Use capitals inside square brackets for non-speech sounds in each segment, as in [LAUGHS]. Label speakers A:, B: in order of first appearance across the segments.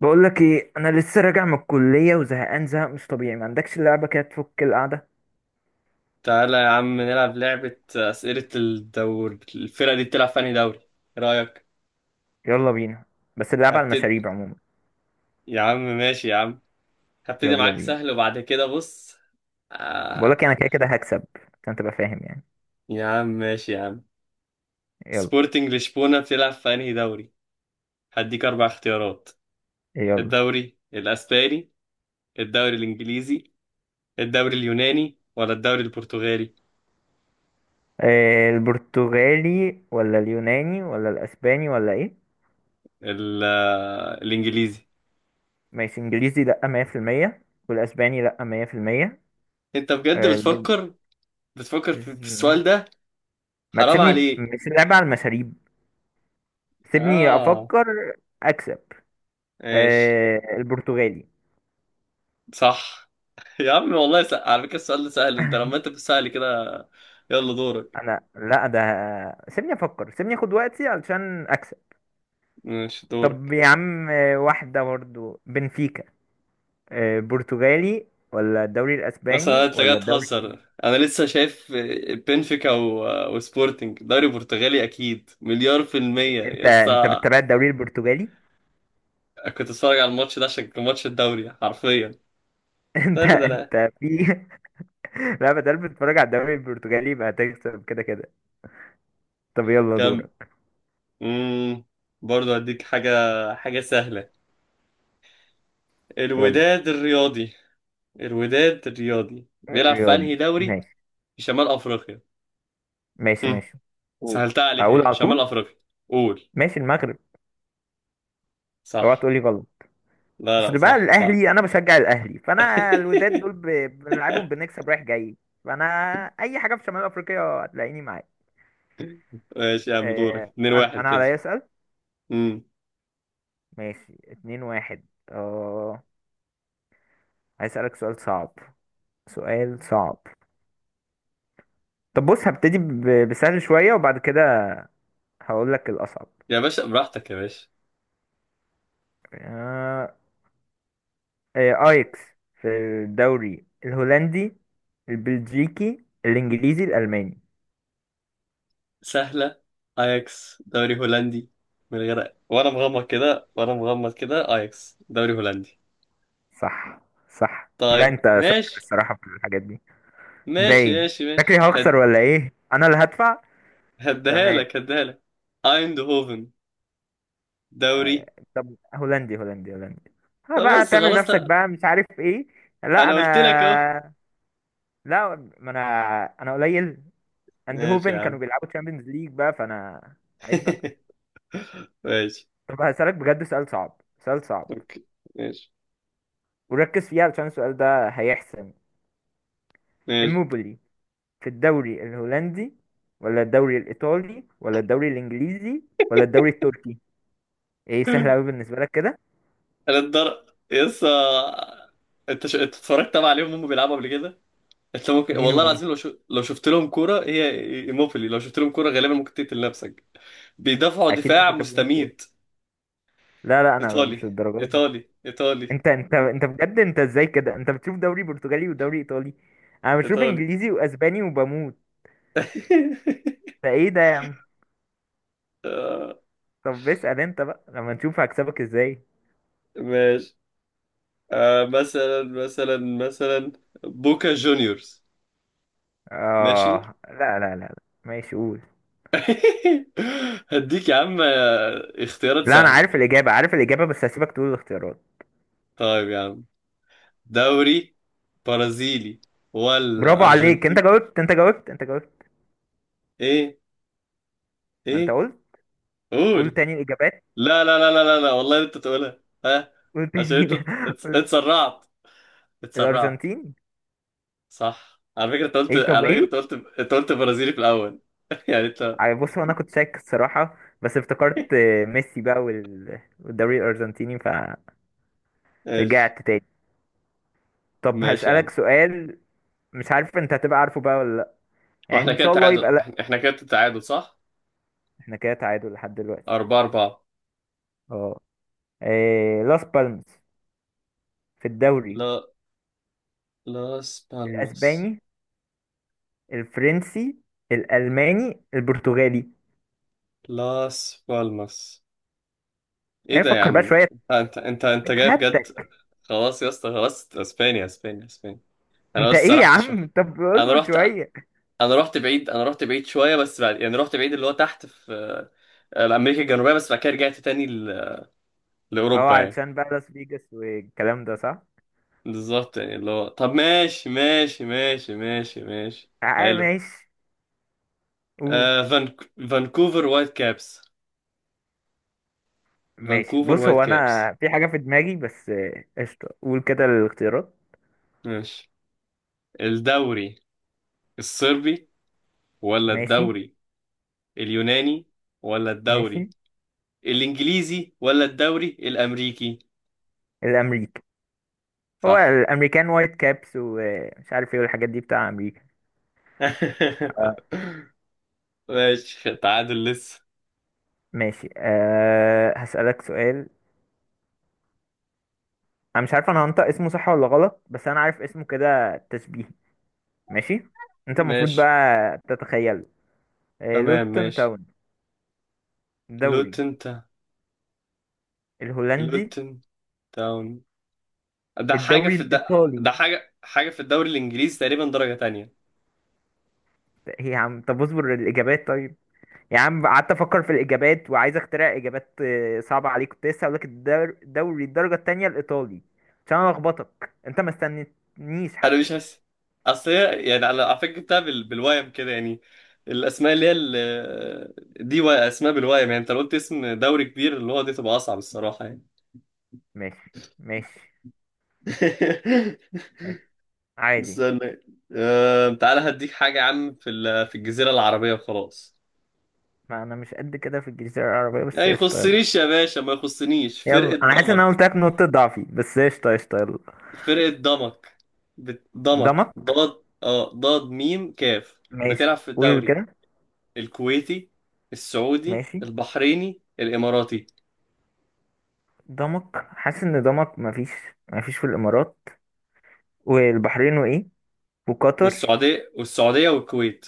A: بقول لك ايه؟ انا لسه راجع من الكليه وزهقان زهق مش طبيعي. ما عندكش لعبه كده تفك القعده؟
B: تعالى يا عم نلعب لعبة أسئلة الدوري. الفرقة دي بتلعب في أنهي دوري؟ إيه رأيك؟
A: يلا بينا. بس اللعبه على
B: هبتدي.
A: المشاريب عموما.
B: يا عم ماشي يا عم. هبتدي
A: يلا
B: معاك
A: بينا.
B: سهل وبعد كده بص.
A: بقول لك انا
B: آه...
A: كده كده هكسب عشان تبقى فاهم يعني.
B: يا عم ماشي يا عم.
A: يلا
B: سبورتنج لشبونة بتلعب في أنهي دوري؟ هديك أربع اختيارات:
A: يلا.
B: الدوري الأسباني، الدوري الإنجليزي، الدوري اليوناني ولا الدوري البرتغالي؟
A: البرتغالي ولا اليوناني ولا الاسباني ولا ايه؟
B: ال... آه، الإنجليزي.
A: ماشي انجليزي لا 100%، والاسباني لا 100%.
B: أنت بجد
A: آه البر...
B: بتفكر، بتفكر في السؤال ده؟
A: ما
B: حرام
A: تسيبني؟
B: عليك.
A: مش اللعبه على المشاريب. سيبني
B: آه،
A: افكر اكسب.
B: ماشي.
A: آه، البرتغالي.
B: صح. يا عم والله، على فكرة السؤال ده سهل، انت لما
A: [LAUGHS]
B: انت بتسألي كده. يلا دورك.
A: انا لا ده. سيبني افكر، سيبني اخد وقتي علشان اكسب.
B: مش
A: طب
B: دورك.
A: يا عم، واحدة برضو، بنفيكا. برتغالي ولا الدوري
B: مثلا
A: الاسباني
B: انت جاي
A: ولا الدوري
B: تهزر،
A: الانجليزي؟
B: انا لسه شايف بنفيكا وسبورتنج دوري برتغالي، اكيد مليار في المية
A: انت
B: يا
A: انت
B: اسطى.
A: بتتابع الدوري البرتغالي؟
B: كنت اتفرج على الماتش ده عشان كان ماتش الدوري حرفيا.
A: [LAUGHS] انت
B: استنى ده انا.
A: انت في. لا، بدل بتتفرج على الدوري البرتغالي يبقى هتكسب كده كده. طب يلا
B: كم؟
A: دورك.
B: امم برضه هديك حاجة، حاجة سهلة.
A: يلا.
B: الوداد الرياضي. الوداد الرياضي بيلعب في
A: الرياضي.
B: انهي دوري؟
A: ماشي
B: في شمال افريقيا.
A: ماشي
B: [LAUGHS]
A: ماشي. مم.
B: سهلتها عليك
A: اقول
B: اهي،
A: على
B: شمال
A: طول.
B: افريقيا. قول.
A: ماشي، المغرب. اوعى
B: صح.
A: تقولي غلط.
B: لا لا،
A: اصل بقى
B: صح صح.
A: الاهلي، انا بشجع الاهلي، فانا الوداد دول
B: [LAUGHS]
A: بنلعبهم بنكسب رايح جاي. فانا اي حاجه في شمال افريقيا هتلاقيني معاك.
B: ماشي يا عم، دورك
A: انا
B: 2-1
A: انا
B: كده.
A: عليا اسال.
B: امم
A: ماشي اتنين واحد. اه. هسألك سؤال صعب، سؤال صعب. طب بص، هبتدي بسهل شويه وبعد كده هقول لك الاصعب.
B: يا باشا براحتك يا باشا.
A: آه، ايكس في الدوري الهولندي، البلجيكي، الانجليزي، الالماني.
B: سهلة. اياكس دوري هولندي. من غير، وانا مغمض كده، وانا مغمض كده اياكس دوري هولندي.
A: صح. صح. لا
B: طيب
A: انت شاطر
B: ماشي.
A: الصراحه في الحاجات دي،
B: ماشي
A: باين.
B: ماشي
A: فاكري
B: ماشي
A: هخسر
B: هد
A: ولا ايه؟ انا اللي هدفع؟
B: هديها
A: تمام.
B: لك، هديها لك. ايندهوفن دوري.
A: آه، طب هولندي هولندي هولندي. ها
B: طب
A: بقى
B: بس
A: تعمل
B: خلاص
A: نفسك
B: لا.
A: بقى مش عارف ايه. لا
B: انا
A: انا.
B: قلت لك اهو.
A: لا ما انا. انا قليل.
B: ماشي
A: اندهوفن
B: يا عم.
A: كانوا بيلعبوا تشامبيونز ليج بقى فانا عيب بقى.
B: [LAUGHS] ماشي.
A: طب هسألك بجد سؤال صعب، سؤال صعب.
B: اوكي، ماشي
A: وركز فيه علشان السؤال ده هيحسن.
B: ماشي.
A: اموبولي، في الدوري الهولندي ولا الدوري الايطالي ولا الدوري الانجليزي ولا الدوري التركي؟ ايه سهل قوي بالنسبة لك كده؟
B: انا الدر يسا انت انت اتفرجت طبعا عليهم هم بيلعبوا قبل كده. انت ممكن
A: مين
B: والله
A: ومين؟
B: العظيم لو لو شفت لهم كوره هي، ايموبيلي، لو شفت لهم كوره غالبا ممكن تقتل نفسك. بيدافعوا
A: اكيد
B: دفاع
A: مش هشوفهم كوره.
B: مستميت.
A: لا لا انا
B: ايطالي،
A: مش للدرجه دي.
B: ايطالي، ايطالي،
A: انت بجد انت ازاي كده؟ انت بتشوف دوري برتغالي ودوري ايطالي، انا بشوف
B: ايطالي.
A: انجليزي واسباني وبموت.
B: [LAUGHS]
A: ده ايه ده يا عم؟
B: آه،
A: طب اسال انت بقى لما نشوف هكسبك ازاي.
B: ماشي. آه، مثلا بوكا جونيورز. ماشي. [LAUGHS]
A: اه لا لا لا لا. ماشي قول.
B: هديك يا عم آه، اختيارات
A: لا انا
B: سهله.
A: عارف الاجابه، عارف الاجابه، بس هسيبك تقول الاختيارات.
B: طيب يا عم، دوري برازيلي ولا
A: برافو عليك، انت
B: ارجنتين؟
A: جاوبت انت جاوبت انت جاوبت.
B: ايه؟
A: ما انت
B: ايه؟
A: قلت. قول
B: قول.
A: تاني الاجابات.
B: لا لا لا لا لا, لا. والله انت تقولها، ها.
A: قول
B: عشان
A: تاني.
B: انت
A: [LAUGHS] قول.
B: اتسرعت
A: الارجنتين.
B: صح. على فكرة انت قلت،
A: ايه طب
B: على فكرة انت
A: ايه؟
B: قلت، انت قلت برازيلي في الاول. [LAUGHS] يعني انت.
A: بص، هو انا كنت شاك الصراحه بس افتكرت ميسي بقى والدوري الارجنتيني
B: ماشي
A: فرجعت تاني. طب
B: ماشي يا
A: هسألك
B: عم.
A: سؤال، مش عارف انت هتبقى عارفه بقى ولا لا،
B: هو
A: يعني
B: احنا
A: ان
B: كده
A: شاء الله يبقى
B: تعادل،
A: لا.
B: إحنا كده تعادل صح.
A: احنا كده تعادل لحد دلوقتي.
B: أربعة أربعة.
A: اه. لاس بالماس، في الدوري
B: لا. لاس بالماس.
A: الاسباني، الفرنسي، الالماني، البرتغالي.
B: لاس بالماس، ايه
A: يعني
B: ده يا
A: فكر بقى
B: عم؟
A: شويه.
B: انت انت انت أنت جاي بجد.
A: هاتك.
B: خلاص يا اسطى خلاص، اسبانيا اسبانيا اسبانيا. انا
A: انت
B: بس
A: ايه يا
B: سرحت شويه.
A: عم؟ طب
B: انا
A: اصبر
B: رحت.
A: شويه.
B: انا رحت بعيد، انا رحت بعيد شويه، بس بعد يعني رحت بعيد اللي هو تحت في آه، امريكا الجنوبيه، بس بعد كده رجعت تاني
A: اه،
B: لاوروبا يعني.
A: علشان بقى لاس فيجاس والكلام ده، صح.
B: بالظبط، يعني اللي هو، طب ماشي ماشي ماشي ماشي ماشي.
A: اه
B: حلو.
A: ماشي.
B: آه فانك... فانكوفر وايت كابس.
A: ماشي
B: فانكوفر
A: بص،
B: وايت
A: هو
B: كابس.
A: انا في حاجة في دماغي بس، قشطة، قول كده الاختيارات.
B: ماشي. الدوري الصربي، ولا
A: ماشي.
B: الدوري اليوناني، ولا الدوري
A: ماشي.
B: الانجليزي، ولا الدوري الامريكي؟
A: الامريكي. هو
B: صح.
A: الامريكان وايت كابس ومش عارف ايه والحاجات دي بتاع امريكا.
B: [LAUGHS]
A: آه،
B: ماشي، تعادل لسه.
A: ماشي. أه هسألك سؤال. انا مش عارف انا هنطق اسمه صح ولا غلط، بس انا عارف اسمه كده تشبيهي. ماشي. انت المفروض
B: ماشي.
A: بقى تتخيله. أه،
B: تمام
A: لوتون
B: ماشي.
A: تاون. الدوري
B: لوتن تا
A: الهولندي،
B: لوتن تاون. ده حاجة
A: الدوري
B: في الد...
A: الايطالي.
B: ده حاجة، حاجة في الدوري الإنجليزي، تقريبا درجة تانية.
A: هي عم طب اصبر الاجابات طيب. يا عم قعدت افكر في الاجابات، وعايز اخترع اجابات صعبه عليك. كنت لسه هقول لك دوري الدرجه التانية الايطالي، عشان انا لخبطك انت ما استنيتنيش
B: أنا
A: حتى.
B: مش حاسس. أصل هي يعني، على فكرة جبتها بالوايم كده يعني. الأسماء دي أسماء بالوايم، يعني أنت لو قلت اسم دوري كبير اللي هو دي تبقى أصعب الصراحة يعني.
A: ماشي ماشي
B: [LAUGHS]
A: ماشي. عادي.
B: استنى. تعالى هديك حاجة يا عم في الجزيرة العربية وخلاص.
A: ما انا مش قد كده في الجنسيه العربيه، بس
B: لا
A: قشطه يلا.
B: يخصنيش يا باشا، ما يخصنيش. فرقة
A: يلا. انا حاسس ان انا
B: ضمك.
A: قلت لك نقطه ضعفي، بس قشطه قشطه يلا.
B: فرقة ضمك، ضمك
A: دمك.
B: ضاد، اه، ضاد ميم كاف.
A: ماشي،
B: بتلعب في
A: قول
B: الدوري
A: كده.
B: الكويتي، السعودي،
A: ماشي.
B: البحريني، الإماراتي.
A: دمك. حاسس ان دمك مفيش. مفيش في الامارات والبحرين وايه، وقطر.
B: والسعودية، والسعودية والكويت.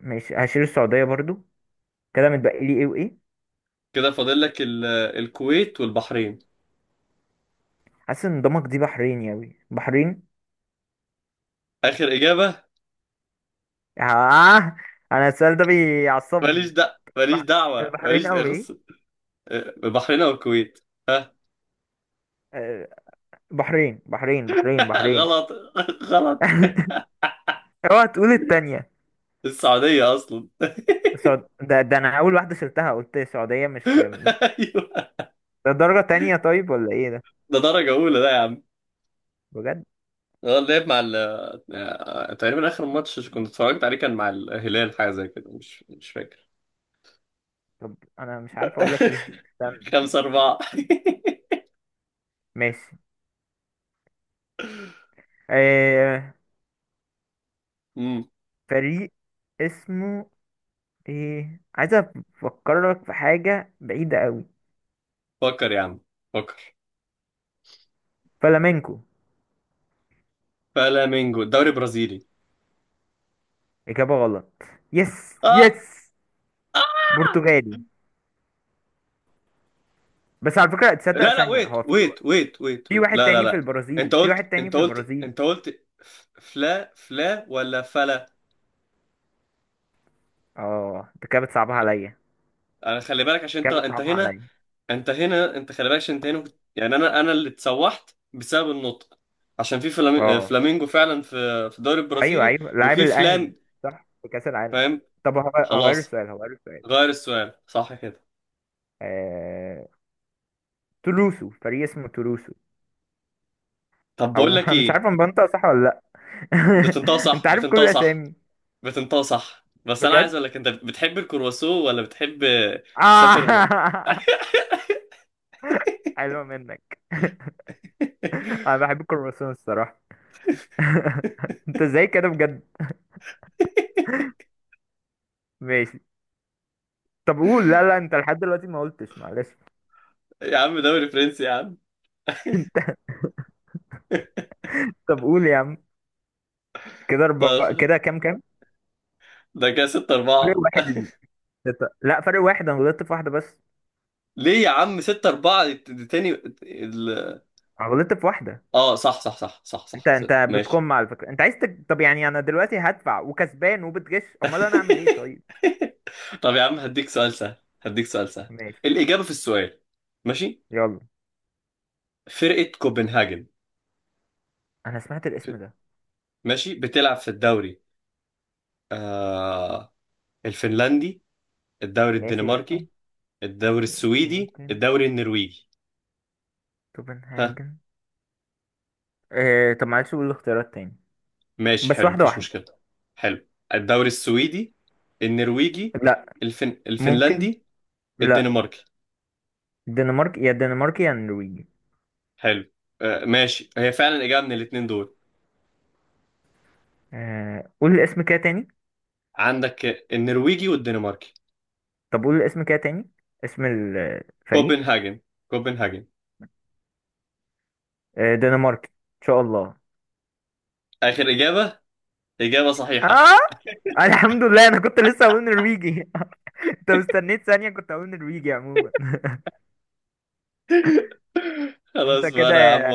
A: ماشي هشيل السعوديه برضو. كده متبقي لي ايه وايه؟
B: كده فاضل لك الكويت والبحرين.
A: حاسس ان دمك دي بحريني اوي، بحرين.
B: آخر إجابة.
A: آه. انا السؤال ده
B: ماليش
A: بيعصبني.
B: دعوة، ماليش
A: بح...
B: دعوة،
A: البحرين
B: ماليش
A: اوي
B: أخص.
A: ايه.
B: آه، البحرين أو الكويت، ها.
A: آه، بحرين بحرين بحرين
B: [LAUGHS]
A: بحرين.
B: غلط. [LAUGHS] غلط.
A: [LAUGHS] اوعى تقول التانية.
B: السعودية أصلا.
A: ده انا اول واحدة شلتها، قلت السعودية
B: [LAUGHS] أيوه.
A: ده درجة تانية طيب ولا ايه ده؟
B: ده درجة أولى ده يا عم.
A: بجد؟
B: اه، اللعب مع ال، آه، تقريبا اخر ماتش كنت اتفرجت عليه كان مع الهلال، حاجه زي كده، مش فاكر.
A: طب انا مش عارف اقول لك ايه،
B: [LAUGHS]
A: استنى.
B: خمسة أربعة. [LAUGHS]
A: ماشي. آه...
B: امم
A: فريق اسمه ايه؟ عايز افكرك في حاجة بعيدة اوي.
B: فكر يا عم، فكر.
A: فلامينكو.
B: فلامينجو، الدوري البرازيلي.
A: إجابة غلط. يس
B: اه.
A: يس.
B: اه،
A: برتغالي، بس على فكرة تصدق
B: لا لا،
A: ثانية
B: ويت
A: هو في
B: ويت ويت ويت
A: في
B: ويت،
A: واحد
B: لا لا
A: تاني في
B: لا. انت
A: البرازيل، في واحد
B: قلت،
A: تاني
B: انت
A: في
B: قلت،
A: البرازيل.
B: انت قلت ف- فلا فلا ولا فلا.
A: اه انت كده بتصعبها عليا،
B: انا خلي بالك عشان انت
A: كده
B: انت
A: بتصعبها
B: هنا،
A: عليا.
B: انت هنا، انت خلي بالك عشان انت هنا يعني انا اللي اتسوحت بسبب النطق. عشان في
A: اه
B: فلامينجو فعلا في الدوري
A: ايوه
B: البرازيلي
A: ايوه، لاعب
B: وفي
A: الأهلي،
B: فلان.
A: صح، في كأس العالم.
B: فاهم.
A: طب هغير
B: خلاص.
A: السؤال، هغير السؤال.
B: غير السؤال صح كده.
A: آه... تولوسو، فريق اسمه تولوسو.
B: طب بقول
A: او
B: لك
A: [LAUGHS] مش
B: ايه.
A: عارف انا بنطق صح ولا لا.
B: بتنطق
A: [LAUGHS]
B: صح،
A: انت عارف كل
B: بتنطق صح،
A: الاسامي
B: بتنطق صح، بس انا عايز
A: بجد؟
B: اقول لك انت بتحب الكرواسو ولا بتحب تسافر.
A: آه... [LAUGHS]
B: [LAUGHS]
A: حلوة منك. [LAUGHS] انا بحب الكرواسون الصراحة. [LAUGHS] انت ازاي كده بجد؟ ماشي. طب قول. لا لا، انت لحد دلوقتي ما قلتش، معلش.
B: يا عم دوري فرنسي يا عم.
A: [LAUGHS] طب قول يا عم. كده
B: [LAUGHS] طب
A: اربعة، كده كام كام؟
B: ده كده 6
A: فرق
B: 4.
A: واحد ليك. لا فرق واحد، انا غلطت في واحدة بس.
B: ليه يا عم 6 4 تاني؟
A: انا غلطت في واحدة.
B: اه صح صح صح صح
A: انت
B: صح, صح.
A: انت
B: ماشي.
A: بتكم على فكرة؟ انت عايز طب يعني انا دلوقتي هدفع وكسبان وبتغش، امال انا اعمل ايه
B: [LAUGHS]
A: طيب؟
B: طب يا عم هديك سؤال سهل. هديك سؤال سهل.
A: ماشي.
B: الإجابة في السؤال. ماشي.
A: يلا.
B: فرقة كوبنهاجن.
A: انا سمعت
B: ف-
A: الاسم ده.
B: ماشي، بتلعب في الدوري آه الفنلندي، الدوري
A: ماشي لا.
B: الدنماركي، الدوري السويدي،
A: ممكن.
B: الدوري النرويجي. ها.
A: توبنهاجن. اه طب معلش قول الاختيارات تاني،
B: ماشي،
A: بس
B: حلو،
A: واحدة
B: مفيش
A: واحدة.
B: مشكلة. حلو. الدوري السويدي، النرويجي،
A: لا. ممكن.
B: الفنلندي،
A: لا.
B: الدنماركي.
A: الدنمارك يا الدنمارك يا النرويج.
B: حلو. آه ماشي، هي فعلا إجابة من الاتنين دول
A: قول الاسم كده تاني.
B: عندك: النرويجي والدنماركي.
A: طب قول الاسم كده تاني، اسم الفريق.
B: كوبنهاجن. كوبنهاجن.
A: آه، دنماركي ان شاء الله.
B: آخر إجابة. إجابة صحيحة.
A: اه. الحمد لله، انا كنت لسه هقول نرويجي. [LAUGHS] انت مستنيت ثانية كنت هقول نرويجي عموما.
B: [LAUGHS]
A: [LAUGHS] انت
B: خلاص بقى،
A: كده،
B: أنا يا عم.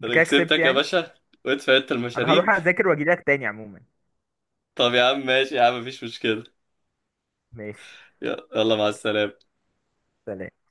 A: انت
B: أنا
A: كده كسبت
B: كسبتك يا
A: يعني.
B: باشا، وادفع أنت
A: انا هروح
B: المشاريب.
A: اذاكر واجيلك تاني عموما.
B: طب يا عم ماشي يا عم، مفيش مشكلة.
A: ماشي.
B: يلا يلا، مع السلامة.
A: سلام.